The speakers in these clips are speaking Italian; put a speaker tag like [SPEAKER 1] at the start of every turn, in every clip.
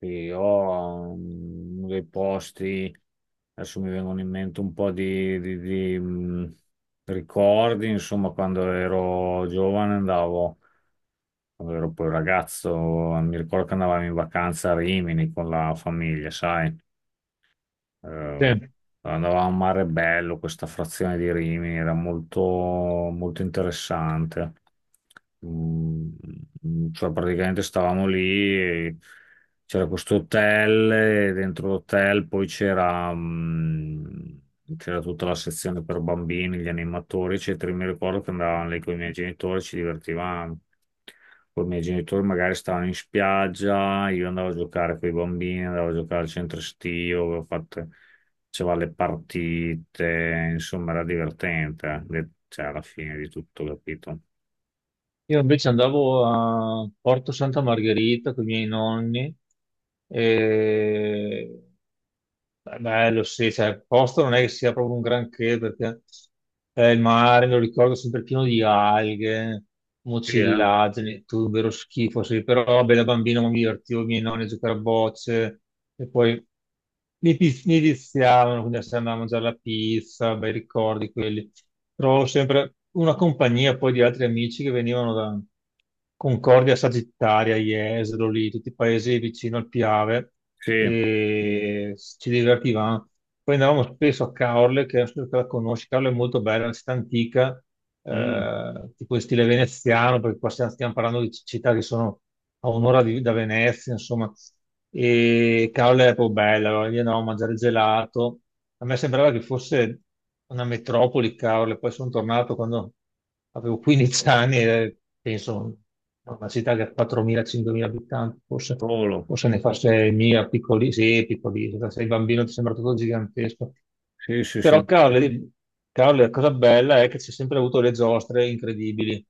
[SPEAKER 1] Sì, ho dei posti, adesso mi vengono in mente un po' di ricordi, insomma. Quando ero giovane andavo, quando ero poi ragazzo, mi ricordo che andavamo in vacanza a Rimini con la famiglia, sai? Eh,
[SPEAKER 2] Sì.
[SPEAKER 1] andavamo a Mare Bello, questa frazione di Rimini, era molto, molto interessante. Mm, cioè praticamente stavamo lì, e c'era questo hotel, e dentro l'hotel poi c'era tutta la sezione per bambini, gli animatori, eccetera. Io Mi ricordo che andavamo lì con i miei genitori, ci divertivamo. Con i miei genitori, magari stavano in spiaggia, io andavo a giocare con i bambini, andavo a giocare al centro estivo, avevo fatto, faceva le partite, insomma era divertente, cioè alla fine di tutto, capito?
[SPEAKER 2] Io invece andavo a Porto Santa Margherita con i miei nonni e è bello, sì, cioè, il posto non è che sia proprio un granché perché il mare, me lo ricordo sempre pieno di alghe,
[SPEAKER 1] Sì, eh?
[SPEAKER 2] mucillagini, tutto un vero schifo, sì, però vabbè, da bambino mi divertivo, i miei nonni a giocare a bocce e poi mi viziavano, quindi se andavo a mangiare la pizza, bei ricordi quelli. Trovavo sempre una compagnia poi di altri amici che venivano da Concordia Sagittaria, Jesolo, lì, tutti i paesi vicino al Piave
[SPEAKER 1] Sì,
[SPEAKER 2] e ci divertivamo. Poi andavamo spesso a Caorle, che non so se la conosci, Caorle è molto bella, è una città antica,
[SPEAKER 1] Mm,
[SPEAKER 2] tipo in stile veneziano, perché qua stiamo parlando di città che sono a da Venezia, insomma, e Caorle è proprio bella, allora lì andavamo a mangiare gelato. A me sembrava che fosse una metropoli, cavolo, e poi sono tornato quando avevo 15 anni e penso "No, una città che ha 4.000-5.000 abitanti, forse,
[SPEAKER 1] solo,
[SPEAKER 2] forse ne fa 6.000, piccoli, sì, piccoli, se sei bambino ti sembra tutto gigantesco.
[SPEAKER 1] sì, sì, sì,
[SPEAKER 2] Però, cavolo, la cosa bella è che c'è sempre avuto le giostre incredibili,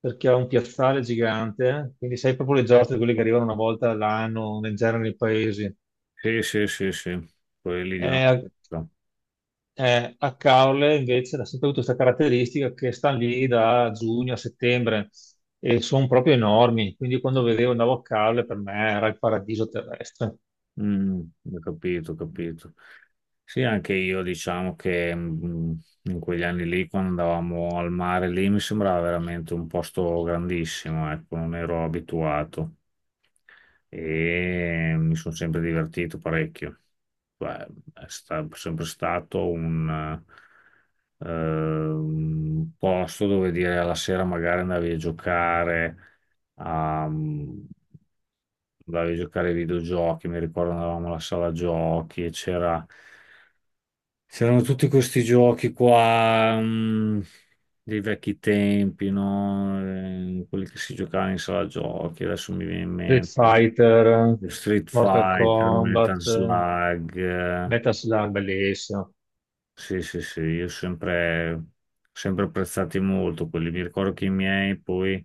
[SPEAKER 2] perché ha un piazzale gigante, quindi sai proprio le giostre, quelle che arrivano una volta all'anno, nel genere nei paesi.
[SPEAKER 1] sì, sì, sì, sì, quelli di una
[SPEAKER 2] Eh,
[SPEAKER 1] volta.
[SPEAKER 2] A Caorle invece ha sempre avuto questa caratteristica che stanno lì da giugno a settembre e sono proprio enormi, quindi quando vedevo andavo a Caorle per me era il paradiso terrestre.
[SPEAKER 1] Mm, Ho capito, ho capito. Sì, anche io diciamo che in quegli anni lì, quando andavamo al mare lì, mi sembrava veramente un posto grandissimo, ecco, non ero abituato e mi sono sempre divertito parecchio. Cioè, sempre stato un posto dove dire alla sera magari andavi a giocare a, mm, andavi a giocare ai videogiochi. Mi ricordo andavamo alla sala giochi e c'erano tutti questi giochi qua, dei vecchi tempi, no? Quelli che si giocava in sala giochi, adesso mi viene in
[SPEAKER 2] Street
[SPEAKER 1] mente.
[SPEAKER 2] Fighter,
[SPEAKER 1] Lo Street
[SPEAKER 2] Mortal Sì.
[SPEAKER 1] Fighter,
[SPEAKER 2] Kombat,
[SPEAKER 1] Metal Slug.
[SPEAKER 2] Metal Slug, bellissimo.
[SPEAKER 1] Sì, sì, sì, io sempre, sempre apprezzati molto quelli. Mi ricordo che i miei poi,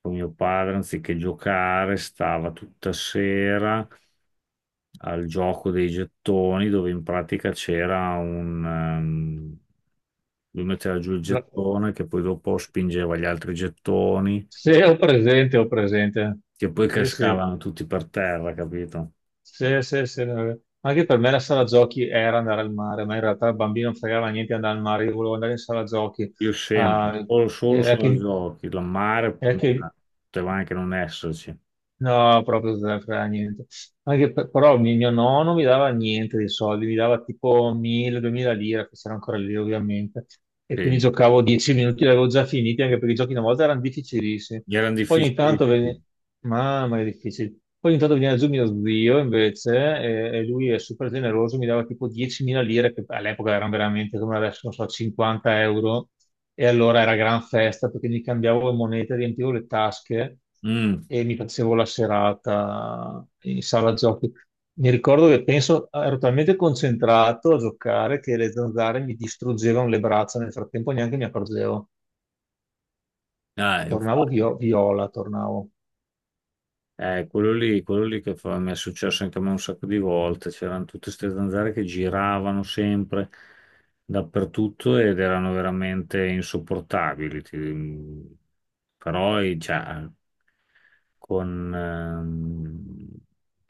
[SPEAKER 1] con mio padre, anziché giocare, stava tutta sera al gioco dei gettoni dove in pratica c'era un, lui metteva giù il
[SPEAKER 2] La-
[SPEAKER 1] gettone che poi dopo spingeva gli altri gettoni
[SPEAKER 2] Se ho presente, ho presente.
[SPEAKER 1] che poi
[SPEAKER 2] Sì, sì,
[SPEAKER 1] cascavano tutti per terra, capito?
[SPEAKER 2] sì, sì, sì. Anche per me la sala giochi era andare al mare, ma in realtà il bambino non fregava niente di andare al mare, io volevo andare in sala giochi.
[SPEAKER 1] Io sempre,
[SPEAKER 2] Ah,
[SPEAKER 1] solo, solo se la
[SPEAKER 2] che
[SPEAKER 1] giochi, la mare,
[SPEAKER 2] È che
[SPEAKER 1] ah, poteva anche non esserci.
[SPEAKER 2] no, proprio zero, fra niente. Anche per- però mi- Mio nonno mi dava niente dei soldi, mi dava tipo 1000-2000 lire, che c'erano ancora lì ovviamente. E quindi
[SPEAKER 1] Sì,
[SPEAKER 2] giocavo 10 minuti, li avevo già finiti, anche perché i giochi una volta erano difficilissimi.
[SPEAKER 1] gli erano
[SPEAKER 2] Poi ogni tanto veniva...
[SPEAKER 1] difficilissimi.
[SPEAKER 2] Mamma, che difficile. Poi ogni tanto veniva giù mio zio invece, e lui è super generoso, mi dava tipo 10.000 lire, che all'epoca erano veramente come adesso, non so, 50 euro. E allora era gran festa perché mi cambiavo le monete, riempivo le tasche
[SPEAKER 1] Mm,
[SPEAKER 2] e mi facevo la serata in sala giochi. Mi ricordo che penso, ero talmente concentrato a giocare che le zanzare mi distruggevano le braccia, nel frattempo neanche mi accorgevo.
[SPEAKER 1] eh,
[SPEAKER 2] Tornavo
[SPEAKER 1] infatti.
[SPEAKER 2] viola, tornavo.
[SPEAKER 1] Quello lì che mi è successo anche a me un sacco di volte, c'erano tutte queste zanzare che giravano sempre dappertutto ed erano veramente insopportabili. Però, cioè, con ehm,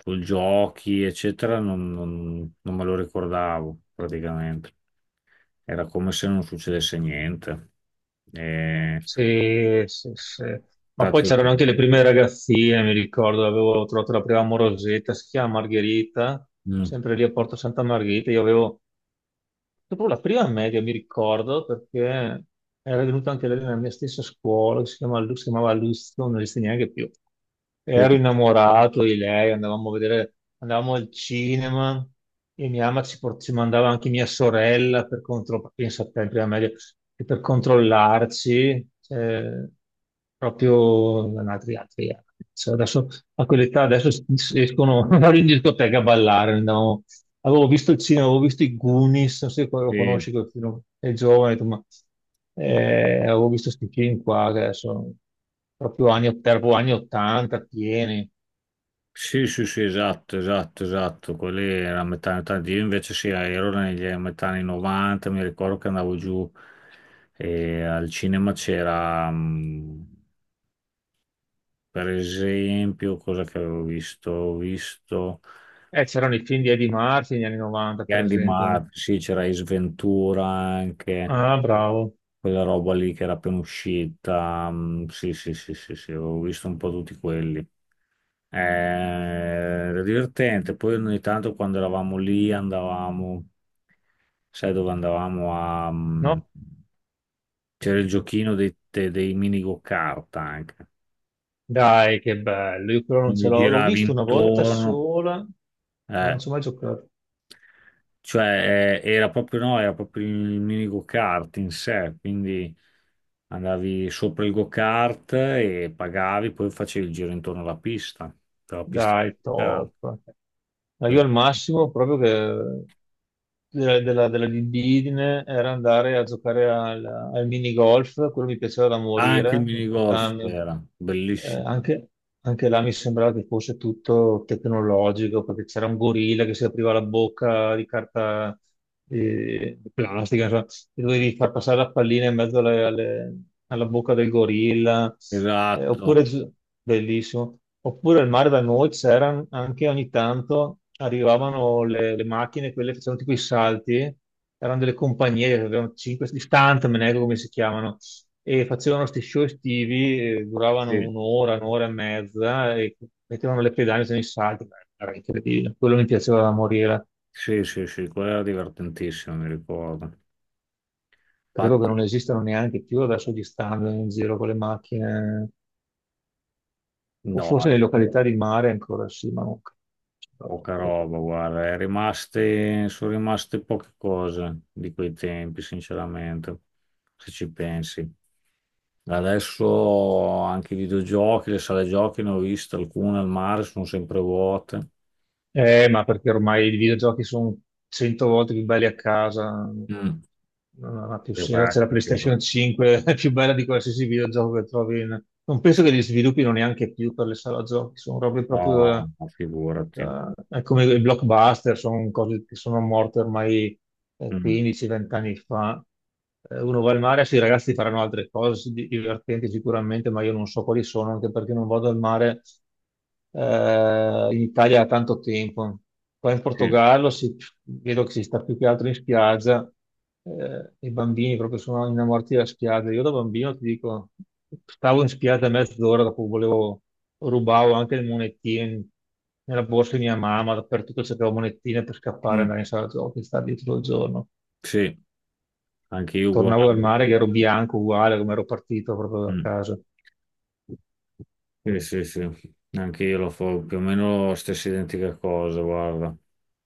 [SPEAKER 1] con giochi, eccetera, non me lo ricordavo praticamente. Era come se non succedesse niente. E,
[SPEAKER 2] Sì, sì, sì. Ma poi
[SPEAKER 1] stato lì.
[SPEAKER 2] c'erano anche le prime ragazzine, mi ricordo, avevo trovato la prima amorosetta, si chiama Margherita,
[SPEAKER 1] Mm,
[SPEAKER 2] sempre lì a Porto Santa Margherita, io avevo Dopo la prima media mi ricordo perché era venuto anche lei nella mia stessa scuola, che si chiamava Luzio, non esiste neanche più. E
[SPEAKER 1] sì,
[SPEAKER 2] ero innamorato di lei, andavamo a vedere, andavamo al cinema e mia mamma ci mandava anche mia sorella per controllare, pensa a te, in prima media, e per controllarci, cioè, proprio altri anni. Cioè, adesso a quell'età adesso escono vanno in discoteca a ballare, andavamo Avevo visto il cinema, avevo visto i Goonies, non so se lo
[SPEAKER 1] sì.
[SPEAKER 2] conosci quel film, è giovane, ho detto, ma avevo visto questi film qua che sono proprio anni 80 pieni.
[SPEAKER 1] Sì, sì, sì, esatto, esatto, esatto. Quelli era metà anni 80. Io invece sì, ero negli a metà anni 90, mi ricordo che andavo giù e al cinema per esempio, cosa che avevo visto? Ho visto.
[SPEAKER 2] C'erano i film di Eddie Murphy negli anni 90, per
[SPEAKER 1] Candy Mart,
[SPEAKER 2] esempio.
[SPEAKER 1] sì, c'era Ace Ventura anche,
[SPEAKER 2] Ah, bravo.
[SPEAKER 1] quella roba lì che era appena uscita. Sì, sì, sì, sì, sì, ho visto un po' tutti quelli. Era divertente. Poi ogni tanto quando eravamo lì andavamo, sai dove andavamo
[SPEAKER 2] No?
[SPEAKER 1] c'era il giochino dei mini go-kart anche.
[SPEAKER 2] Dai, che bello. Io però non ce
[SPEAKER 1] Quindi
[SPEAKER 2] l'ho. L'ho
[SPEAKER 1] giravi
[SPEAKER 2] visto una volta
[SPEAKER 1] intorno.
[SPEAKER 2] sola, ma
[SPEAKER 1] eh,
[SPEAKER 2] non ci ho mai giocato.
[SPEAKER 1] Cioè, era proprio no, era proprio il mini go-kart in sé, quindi andavi sopra il go-kart e pagavi, poi facevi il giro intorno alla pista, dalla pista
[SPEAKER 2] Dai,
[SPEAKER 1] di kart.
[SPEAKER 2] top. Ma io al massimo proprio che della libidine era andare a giocare al minigolf, quello mi piaceva da
[SPEAKER 1] Anche il
[SPEAKER 2] morire, in Mm.
[SPEAKER 1] mini golf
[SPEAKER 2] Catania.
[SPEAKER 1] era
[SPEAKER 2] Eh,
[SPEAKER 1] bellissimo.
[SPEAKER 2] anche, Anche là mi sembrava che fosse tutto tecnologico, perché c'era un gorilla che si apriva la bocca di carta di plastica, insomma, e dovevi far passare la pallina in mezzo alla bocca del gorilla, Eh, oppure,
[SPEAKER 1] Esatto.
[SPEAKER 2] gi- bellissimo, oppure al mare da noi c'erano anche ogni tanto, arrivavano le macchine, quelle che facevano tipo i salti, erano delle compagnie, che avevano 5 stuntman, ecco come si chiamano e facevano questi show estivi, duravano
[SPEAKER 1] Sì,
[SPEAKER 2] un'ora, un'ora e mezza e mettevano le pedane sui salti, beh, era incredibile, quello mi piaceva da morire.
[SPEAKER 1] sì, sì, sì, quello era divertentissimo, mi ricordo.
[SPEAKER 2] Credo che
[SPEAKER 1] Infatti,
[SPEAKER 2] non esistano neanche più adesso gli stand in giro con le macchine, o
[SPEAKER 1] no.
[SPEAKER 2] forse le località di mare ancora sì, ma non credo.
[SPEAKER 1] Poca roba, guarda, è rimaste, sono rimaste poche cose di quei tempi, sinceramente, se ci pensi. Adesso anche i videogiochi, le sale giochi ne ho viste alcune al mare, sono sempre vuote.
[SPEAKER 2] Ma perché ormai i videogiochi sono cento volte più belli a casa,
[SPEAKER 1] Mm.
[SPEAKER 2] non ha più
[SPEAKER 1] Che
[SPEAKER 2] senso. C'è
[SPEAKER 1] va,
[SPEAKER 2] la
[SPEAKER 1] perché
[SPEAKER 2] PlayStation
[SPEAKER 1] sono...
[SPEAKER 2] 5, è più bella di qualsiasi videogioco che trovi. Non penso che li sviluppino neanche più per le sale giochi, sono robe proprio
[SPEAKER 1] No, ma figurati.
[SPEAKER 2] è come i blockbuster, sono cose che sono morte ormai
[SPEAKER 1] Mm,
[SPEAKER 2] 15-20 anni fa. Uno va al mare, sì, i ragazzi faranno altre cose sì, divertenti sicuramente, ma io non so quali sono, anche perché non vado al mare in Italia da tanto tempo. Qua in
[SPEAKER 1] sì.
[SPEAKER 2] Portogallo vedo che si sta più che altro in spiaggia, i bambini proprio sono innamorati della spiaggia. Io da bambino ti dico, stavo in spiaggia mezz'ora, dopo volevo, rubavo anche le monetine nella borsa di mia mamma, dappertutto cercavo monetine per scappare e
[SPEAKER 1] Mm,
[SPEAKER 2] andare in sala giochi, stare dietro il giorno.
[SPEAKER 1] sì, anche io
[SPEAKER 2] Tornavo dal
[SPEAKER 1] uguale.
[SPEAKER 2] mare che ero bianco uguale come ero partito proprio da
[SPEAKER 1] Mm.
[SPEAKER 2] casa.
[SPEAKER 1] Sì, sì, sì, anche io lo fa più o meno la stessa identica cosa, guarda.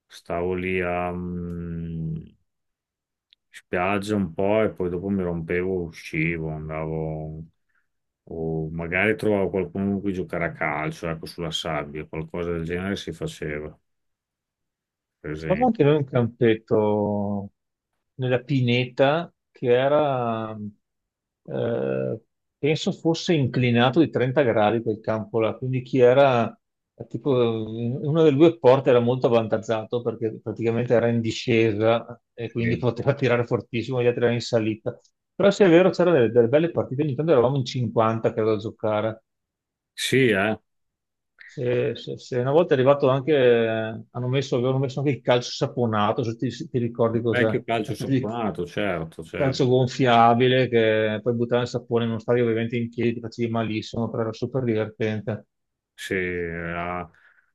[SPEAKER 1] Stavo lì a spiaggia un po' e poi dopo mi rompevo, uscivo, andavo, o magari trovavo qualcuno con cui giocare a calcio, ecco, sulla sabbia, qualcosa del genere si faceva, per
[SPEAKER 2] Stavamo
[SPEAKER 1] esempio.
[SPEAKER 2] anche noi in un campetto nella pineta che era, eh, penso fosse inclinato di 30 gradi quel campo là, quindi chi era tipo in una delle due porte era molto avvantaggiato perché praticamente era in discesa e quindi
[SPEAKER 1] Sì,
[SPEAKER 2] poteva tirare fortissimo, gli altri erano in salita. Però se è vero c'erano delle belle partite, ogni tanto eravamo in 50 credo a giocare.
[SPEAKER 1] sì,
[SPEAKER 2] Sì, sì, sì. Una volta è arrivato anche, hanno messo, avevano messo anche il calcio saponato, se ti ricordi cos'è,
[SPEAKER 1] vecchio
[SPEAKER 2] una
[SPEAKER 1] calcio
[SPEAKER 2] specie di
[SPEAKER 1] saponato, certo, certo.
[SPEAKER 2] calcio gonfiabile che poi buttare il sapone in uno stadio ovviamente in piedi, ti facevi malissimo, però era super divertente.
[SPEAKER 1] Sì, era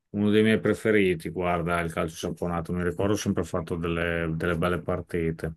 [SPEAKER 1] uno dei miei preferiti, guarda, il calcio saponato. Mi ricordo sempre fatto delle, delle belle partite.